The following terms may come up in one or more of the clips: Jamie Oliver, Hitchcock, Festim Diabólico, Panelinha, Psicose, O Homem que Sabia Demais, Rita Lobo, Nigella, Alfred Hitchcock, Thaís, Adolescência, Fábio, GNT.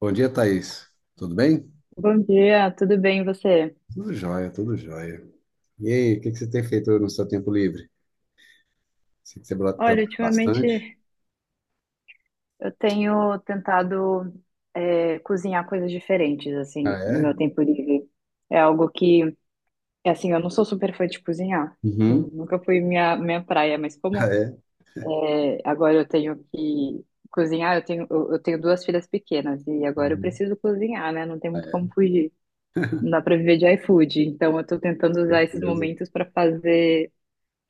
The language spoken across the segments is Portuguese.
Bom dia, Thaís. Tudo bem? Bom dia, tudo bem e você? Tudo jóia, tudo jóia. E aí, o que que você tem feito no seu tempo livre? Sei que você Olha, trabalha bastante. ultimamente eu tenho tentado cozinhar coisas diferentes, Ah, assim, no é? meu tempo livre. É algo que, assim, eu não sou super fã de cozinhar. Uhum. Nunca foi minha praia, mas Ah, como é? Agora eu tenho que cozinhar, eu tenho duas filhas pequenas e agora eu Uhum. preciso cozinhar, né? Não tem Ah, muito como é, fugir. Não dá pra viver de iFood. Então eu tô tentando usar esses certeza. momentos pra fazer,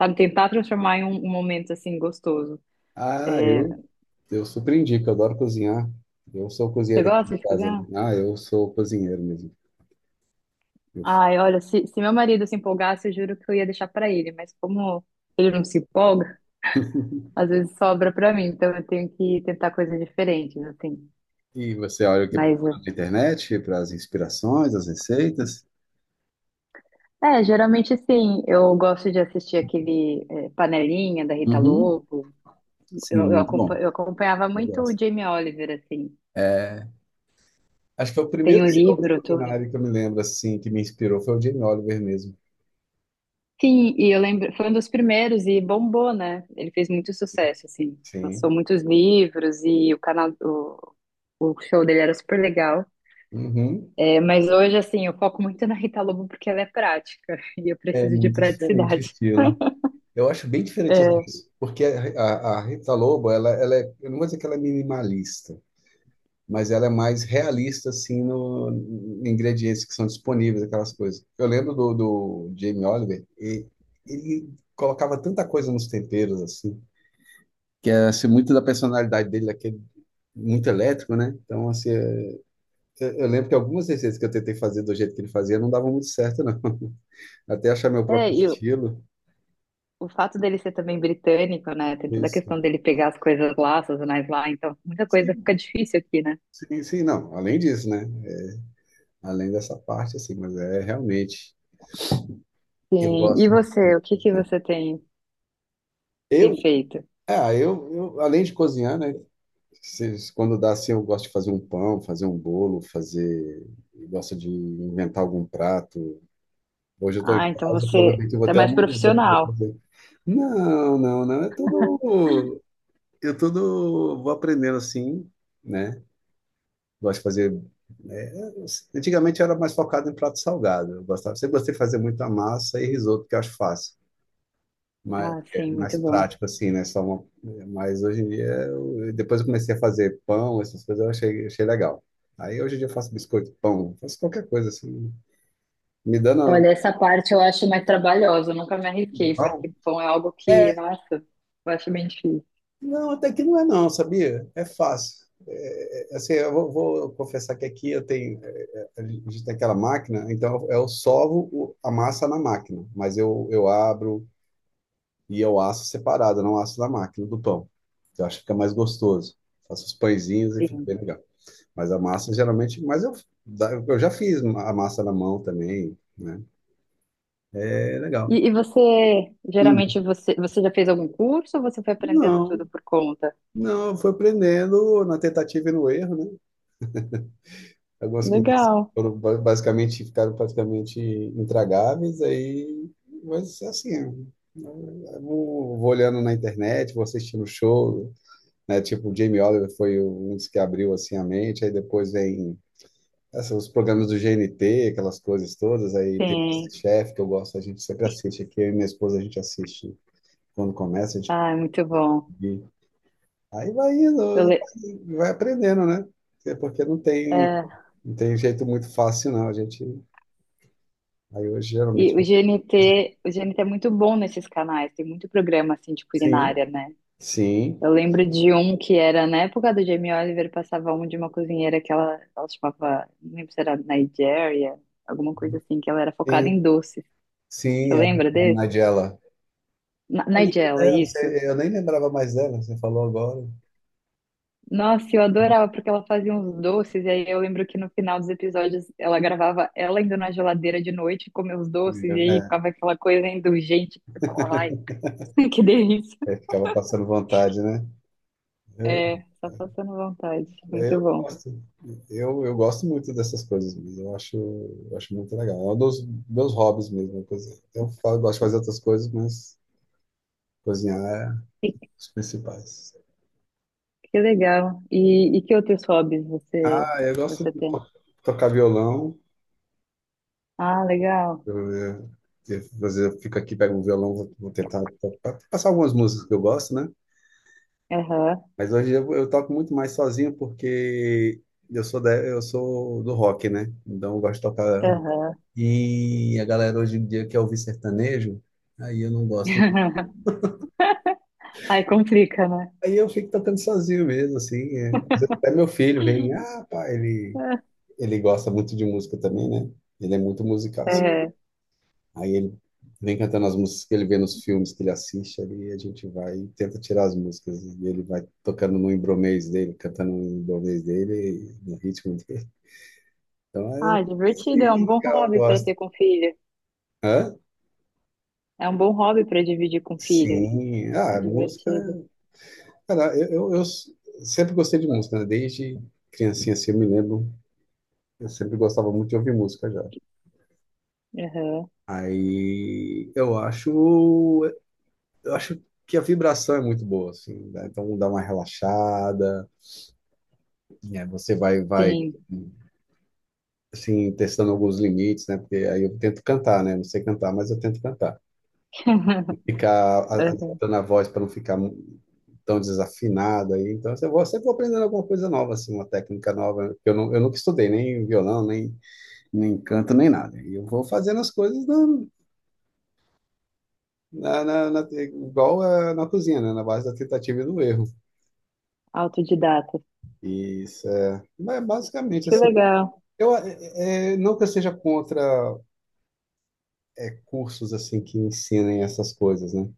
sabe, tentar transformar em um momento, assim, gostoso. Ah, É, eu surpreendi, que eu adoro cozinhar. Eu sou Você cozinheiro aqui em gosta de casa, né? cozinhar? Ah, eu sou cozinheiro mesmo. Eu- Ai, olha, se meu marido se empolgasse, eu juro que eu ia deixar pra ele, mas como ele não se empolga, às vezes sobra pra mim, então eu tenho que tentar coisas diferentes, assim. E você olha o que Mas, procura na internet para as inspirações, as receitas? Geralmente sim, eu gosto de assistir aquele Panelinha da Rita Uhum. Lobo. Sim, muito bom. Eu acompanhava Eu muito o gosto. Jamie Oliver, assim. É, acho que é o primeiro Tem um show de livro, tudo. culinária que eu me lembro, assim, que me inspirou foi o Jamie Oliver mesmo. Sim, e eu lembro, foi um dos primeiros e bombou, né? Ele fez muito sucesso, assim. Lançou Sim. muitos livros e o show dele era super legal. Uhum. É, mas hoje, assim, eu foco muito na Rita Lobo porque ela é prática e eu É preciso de muito diferente o praticidade. estilo. Eu acho bem diferente os É, dois, porque a Rita Lobo, ela é, eu não vou dizer que ela é minimalista, mas ela é mais realista, assim, no, em ingredientes que são disponíveis, aquelas coisas. Eu lembro do Jamie Oliver, e ele colocava tanta coisa nos temperos, assim, que é assim, muito da personalidade dele, daquele muito elétrico, né? Então, assim, é eu lembro que algumas receitas que eu tentei fazer do jeito que ele fazia não davam muito certo, não. Até achar meu próprio e estilo. o fato dele ser também britânico, né? Tem toda a Isso. questão dele pegar as coisas lá, as sazonais lá, então muita coisa fica Sim, difícil aqui, né? sim, sim, não. Além disso, né? Além dessa parte, assim, mas é realmente. Eu Sim. E gosto, você, o que que né? você tem, tem Eu, feito? ah, eu, além de cozinhar, né? Quando dá assim, eu gosto de fazer um pão, fazer um bolo, fazer. Eu gosto de inventar algum prato. Hoje eu estou em Ah, então casa, você provavelmente eu vou é ter mais algum. Eu vou ter que profissional. fazer. Não, não, não. É tudo. Eu tudo vou aprendendo assim, né? Gosto de fazer, né, antigamente eu era mais focado em prato salgado. Eu gostava, sempre gostei de fazer muita massa e risoto, que eu acho fácil. Mas Ah, é sim, mais muito bom. prático, assim, né? Só uma, mas hoje em dia, depois eu comecei a fazer pão, essas coisas, eu achei, achei legal. Aí hoje em dia eu faço biscoito, pão, faço qualquer coisa, assim, né? Me dando. Olha, essa parte eu acho mais trabalhosa, eu nunca me arrisquei, porque pão é algo que, nossa, eu acho bem difícil. Não, até que não é não, sabia? É fácil. Assim, eu vou, vou confessar que aqui eu tenho, a gente tem aquela máquina, então eu sovo a massa na máquina, mas eu abro e eu asso separado, eu não asso na máquina do pão. Eu acho que fica mais gostoso. Faço os pãezinhos e fica bem Sim. legal. Mas a massa geralmente, mas eu, eu já fiz a massa na mão também, né? É legal. E você, Hum. geralmente, você já fez algum curso ou você foi aprendendo tudo Não, por conta? não, foi aprendendo na tentativa e no erro, né? Algumas comidas Legal. foram basicamente, ficaram praticamente intragáveis, aí, mas assim, eu vou olhando na internet, vou assistindo show, né? Tipo, o Jamie Oliver foi um dos que abriu assim a mente, aí depois vem assim, os programas do GNT, aquelas coisas todas, aí tem o Sim. Chef que eu gosto, a gente sempre assiste aqui, eu e minha esposa a gente assiste quando começa, a gente Ah, é muito bom. aí vai indo Eu, e le- vai aprendendo, né? É porque não tem é, não tem jeito muito fácil, não. A gente aí eu e geralmente. o GNT, o GNT é muito bom nesses canais, tem muito programa, assim, de Sim, culinária, né? sim, Eu lembro de um que era na época do Jamie Oliver, passava um de uma cozinheira que ela chamava, não lembro se era Nigeria, alguma coisa assim, que ela era focada sim, em doces. Você sim, a, lembra a desse? Nigella. Eu lembro Nigella, dela, isso. você- eu nem lembrava mais dela, você falou agora. Nossa, eu adorava porque ela fazia uns doces, e aí eu lembro que no final dos episódios ela gravava ela indo na geladeira de noite comer os doces, e aí ficava aquela coisa indulgente que eu falava, ai, que delícia. É, é, ficava passando vontade, né? Eu, É, só passando vontade. Muito eu bom. gosto, eu gosto muito dessas coisas, mesmo, eu acho muito legal. É um dos meus hobbies mesmo. Uma coisa. Eu falo, eu gosto de fazer outras coisas, mas cozinhar é os principais. Que legal. E que outros hobbies Ah, eu gosto você de tem? Tocar violão. Ah, legal. Eu, eu, Às vezes eu fico aqui, pego o violão, vou, vou tentar passar algumas músicas que eu gosto, né? Aham, Mas hoje eu toco muito mais sozinho porque eu sou da, eu sou do rock, né? Então eu gosto de tocar. aham. E a galera hoje em dia quer ouvir sertanejo, aí eu não gosto. Aí complica, né? Aí eu fico tocando sozinho mesmo, assim, é. Às vezes até meu filho vem, ah, pá, ele gosta muito de música também, né? Ele é muito musical, assim. É. Aí ele vem cantando as músicas que ele vê nos filmes que ele assiste ali, e a gente vai e tenta tirar as músicas. E ele vai tocando no embromês dele, cantando no embromês dele, no ritmo dele. Então é Ah, divertido. É um assim, bom que eu hobby para gosto. ter com filho. Hã? É um bom hobby para dividir com filhos. Sim, ah, É a música. divertido. Cara, eu sempre gostei de música, né? Desde criancinha assim, eu me lembro, eu sempre gostava muito de ouvir música já. Aham. Aí eu acho que a vibração é muito boa, assim, né? Então dá uma relaxada. É, você vai, Sim. assim, testando alguns limites, né? Porque aí eu tento cantar, né? Não sei cantar, mas eu tento cantar. Ficar Aham. adaptando a voz para não ficar tão desafinada aí. Então, eu vou, sempre vou aprendendo alguma coisa nova, assim, uma técnica nova. Eu, não, eu nunca estudei nem violão, nem, nem canto, nem nada. E eu vou fazendo as coisas na, igual eh, na cozinha, né? Na base da tentativa e do erro. Autodidata. E isso é, mas basicamente, Que assim, legal. eu, não que eu seja contra é, cursos assim que ensinem essas coisas, né?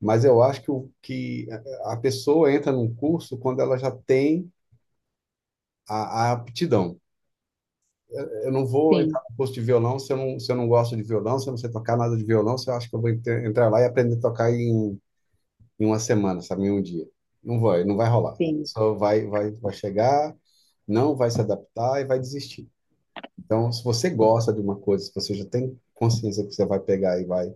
Mas eu acho que, o, que a pessoa entra num curso quando ela já tem a aptidão. Eu não vou entrar Sim, no curso de violão se eu não, se eu não gosto de violão, se eu não sei tocar nada de violão, se eu acho que eu vou entrar lá e aprender a tocar em, em uma semana, sabe, em um dia. Não vai, não vai rolar. A sim. pessoa vai chegar, não vai se adaptar e vai desistir. Então, se você gosta de uma coisa, se você já tem consciência que você vai pegar e vai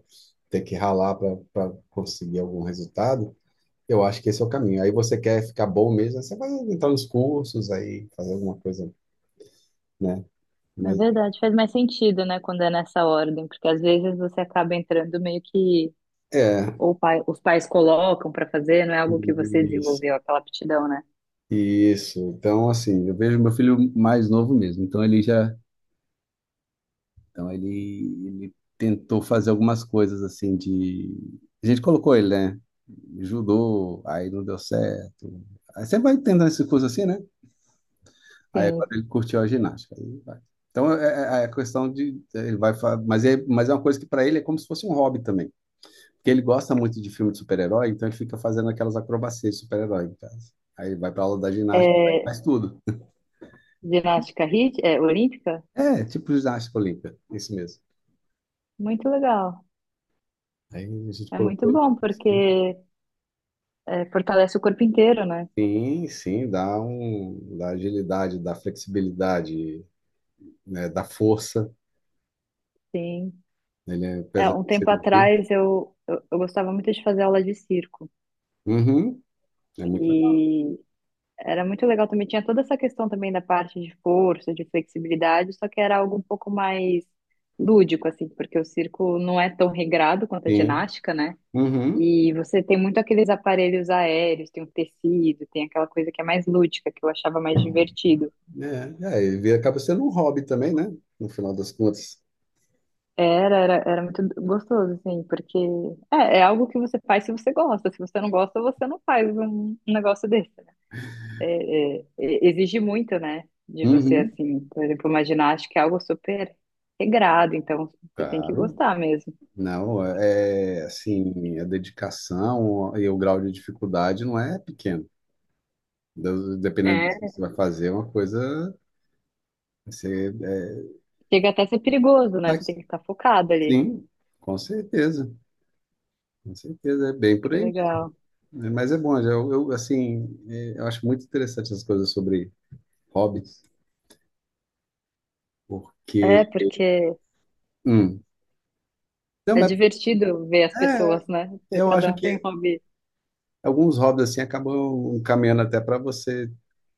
ter que ralar para conseguir algum resultado, eu acho que esse é o caminho. Aí você quer ficar bom mesmo, você vai entrar nos cursos, aí fazer alguma coisa, né? É Mas verdade. Faz mais sentido, né, quando é nessa ordem, porque às vezes você acaba entrando meio que é, ou os pais colocam para fazer, não é algo que você isso, desenvolveu, aquela aptidão, né? isso. Então, assim, eu vejo meu filho mais novo mesmo, então ele já, então ele tentou fazer algumas coisas assim de, a gente colocou ele, né? Judô, aí não deu certo. Aí você vai tentando essas coisas assim, né? Aí agora Sim. ele curtiu a ginástica. Aí vai. Então é, é a questão de ele vai, mas é uma coisa que para ele é como se fosse um hobby também, porque ele gosta muito de filme de super-herói, então ele fica fazendo aquelas acrobacias de super-herói em casa. Aí ele vai para aula da ginástica, e É, faz tudo. Olímpica? É, tipo ginástica olímpica, isso mesmo. Muito legal. Aí a gente É colocou muito ele bom, assim. porque fortalece o corpo inteiro, né? Sim, sim, dá um, dá agilidade, dá flexibilidade, né, dá força. Sim. Ele é, É, apesar de um ser tempo um pouquinho- atrás eu gostava muito de fazer aula de circo. Uhum, é muito. E era muito legal também. Tinha toda essa questão também da parte de força, de flexibilidade, só que era algo um pouco mais lúdico, assim, porque o circo não é tão regrado quanto a Sim. ginástica, né? Uhum. E você tem muito aqueles aparelhos aéreos, tem o tecido, tem aquela coisa que é mais lúdica, que eu achava mais divertido. É, é, acaba sendo um hobby também, né? No final das contas. Era muito gostoso, assim, porque é algo que você faz se você gosta. Se você não gosta, você não faz um negócio desse, né? Exige muito, né, de você, Uhum, assim, por exemplo, uma ginástica é algo super regrado, então você tem que claro. gostar mesmo. Não, é, assim, a dedicação e o grau de dificuldade não é pequeno. Dependendo do que É. você vai fazer, é uma coisa. Você, é, Chega até a ser perigoso, né? Você tem mas, que estar focado ali. sim, com certeza. Com certeza, é bem por Que aí mesmo, legal. né? Mas é bom, eu, assim, é, eu acho muito interessante essas coisas sobre hobbies, porque. É, porque Hum, não, é mas, divertido ver as é, pessoas, né? eu acho Cada um tem um que hobby. alguns hobbies assim acabam caminhando até para você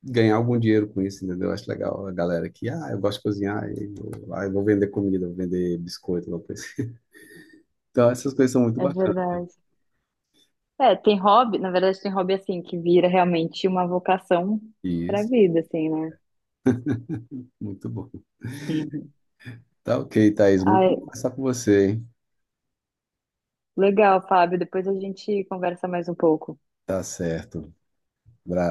ganhar algum dinheiro com isso, entendeu? Eu acho legal a galera que, ah, eu gosto de cozinhar, e vou, ah, eu vou vender comida, vou vender biscoito, alguma coisa, assim. Então, essas coisas são muito É bacanas. verdade. É, tem hobby, na verdade, tem hobby assim, que vira realmente uma vocação pra Isso, vida, assim, né? muito bom. Uhum. Tá ok, Thaís, muito Ai, bom conversar com você, hein? legal, Fábio. Depois a gente conversa mais um pouco, Tá certo.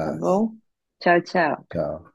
tá bom? Tchau, tchau. Tchau.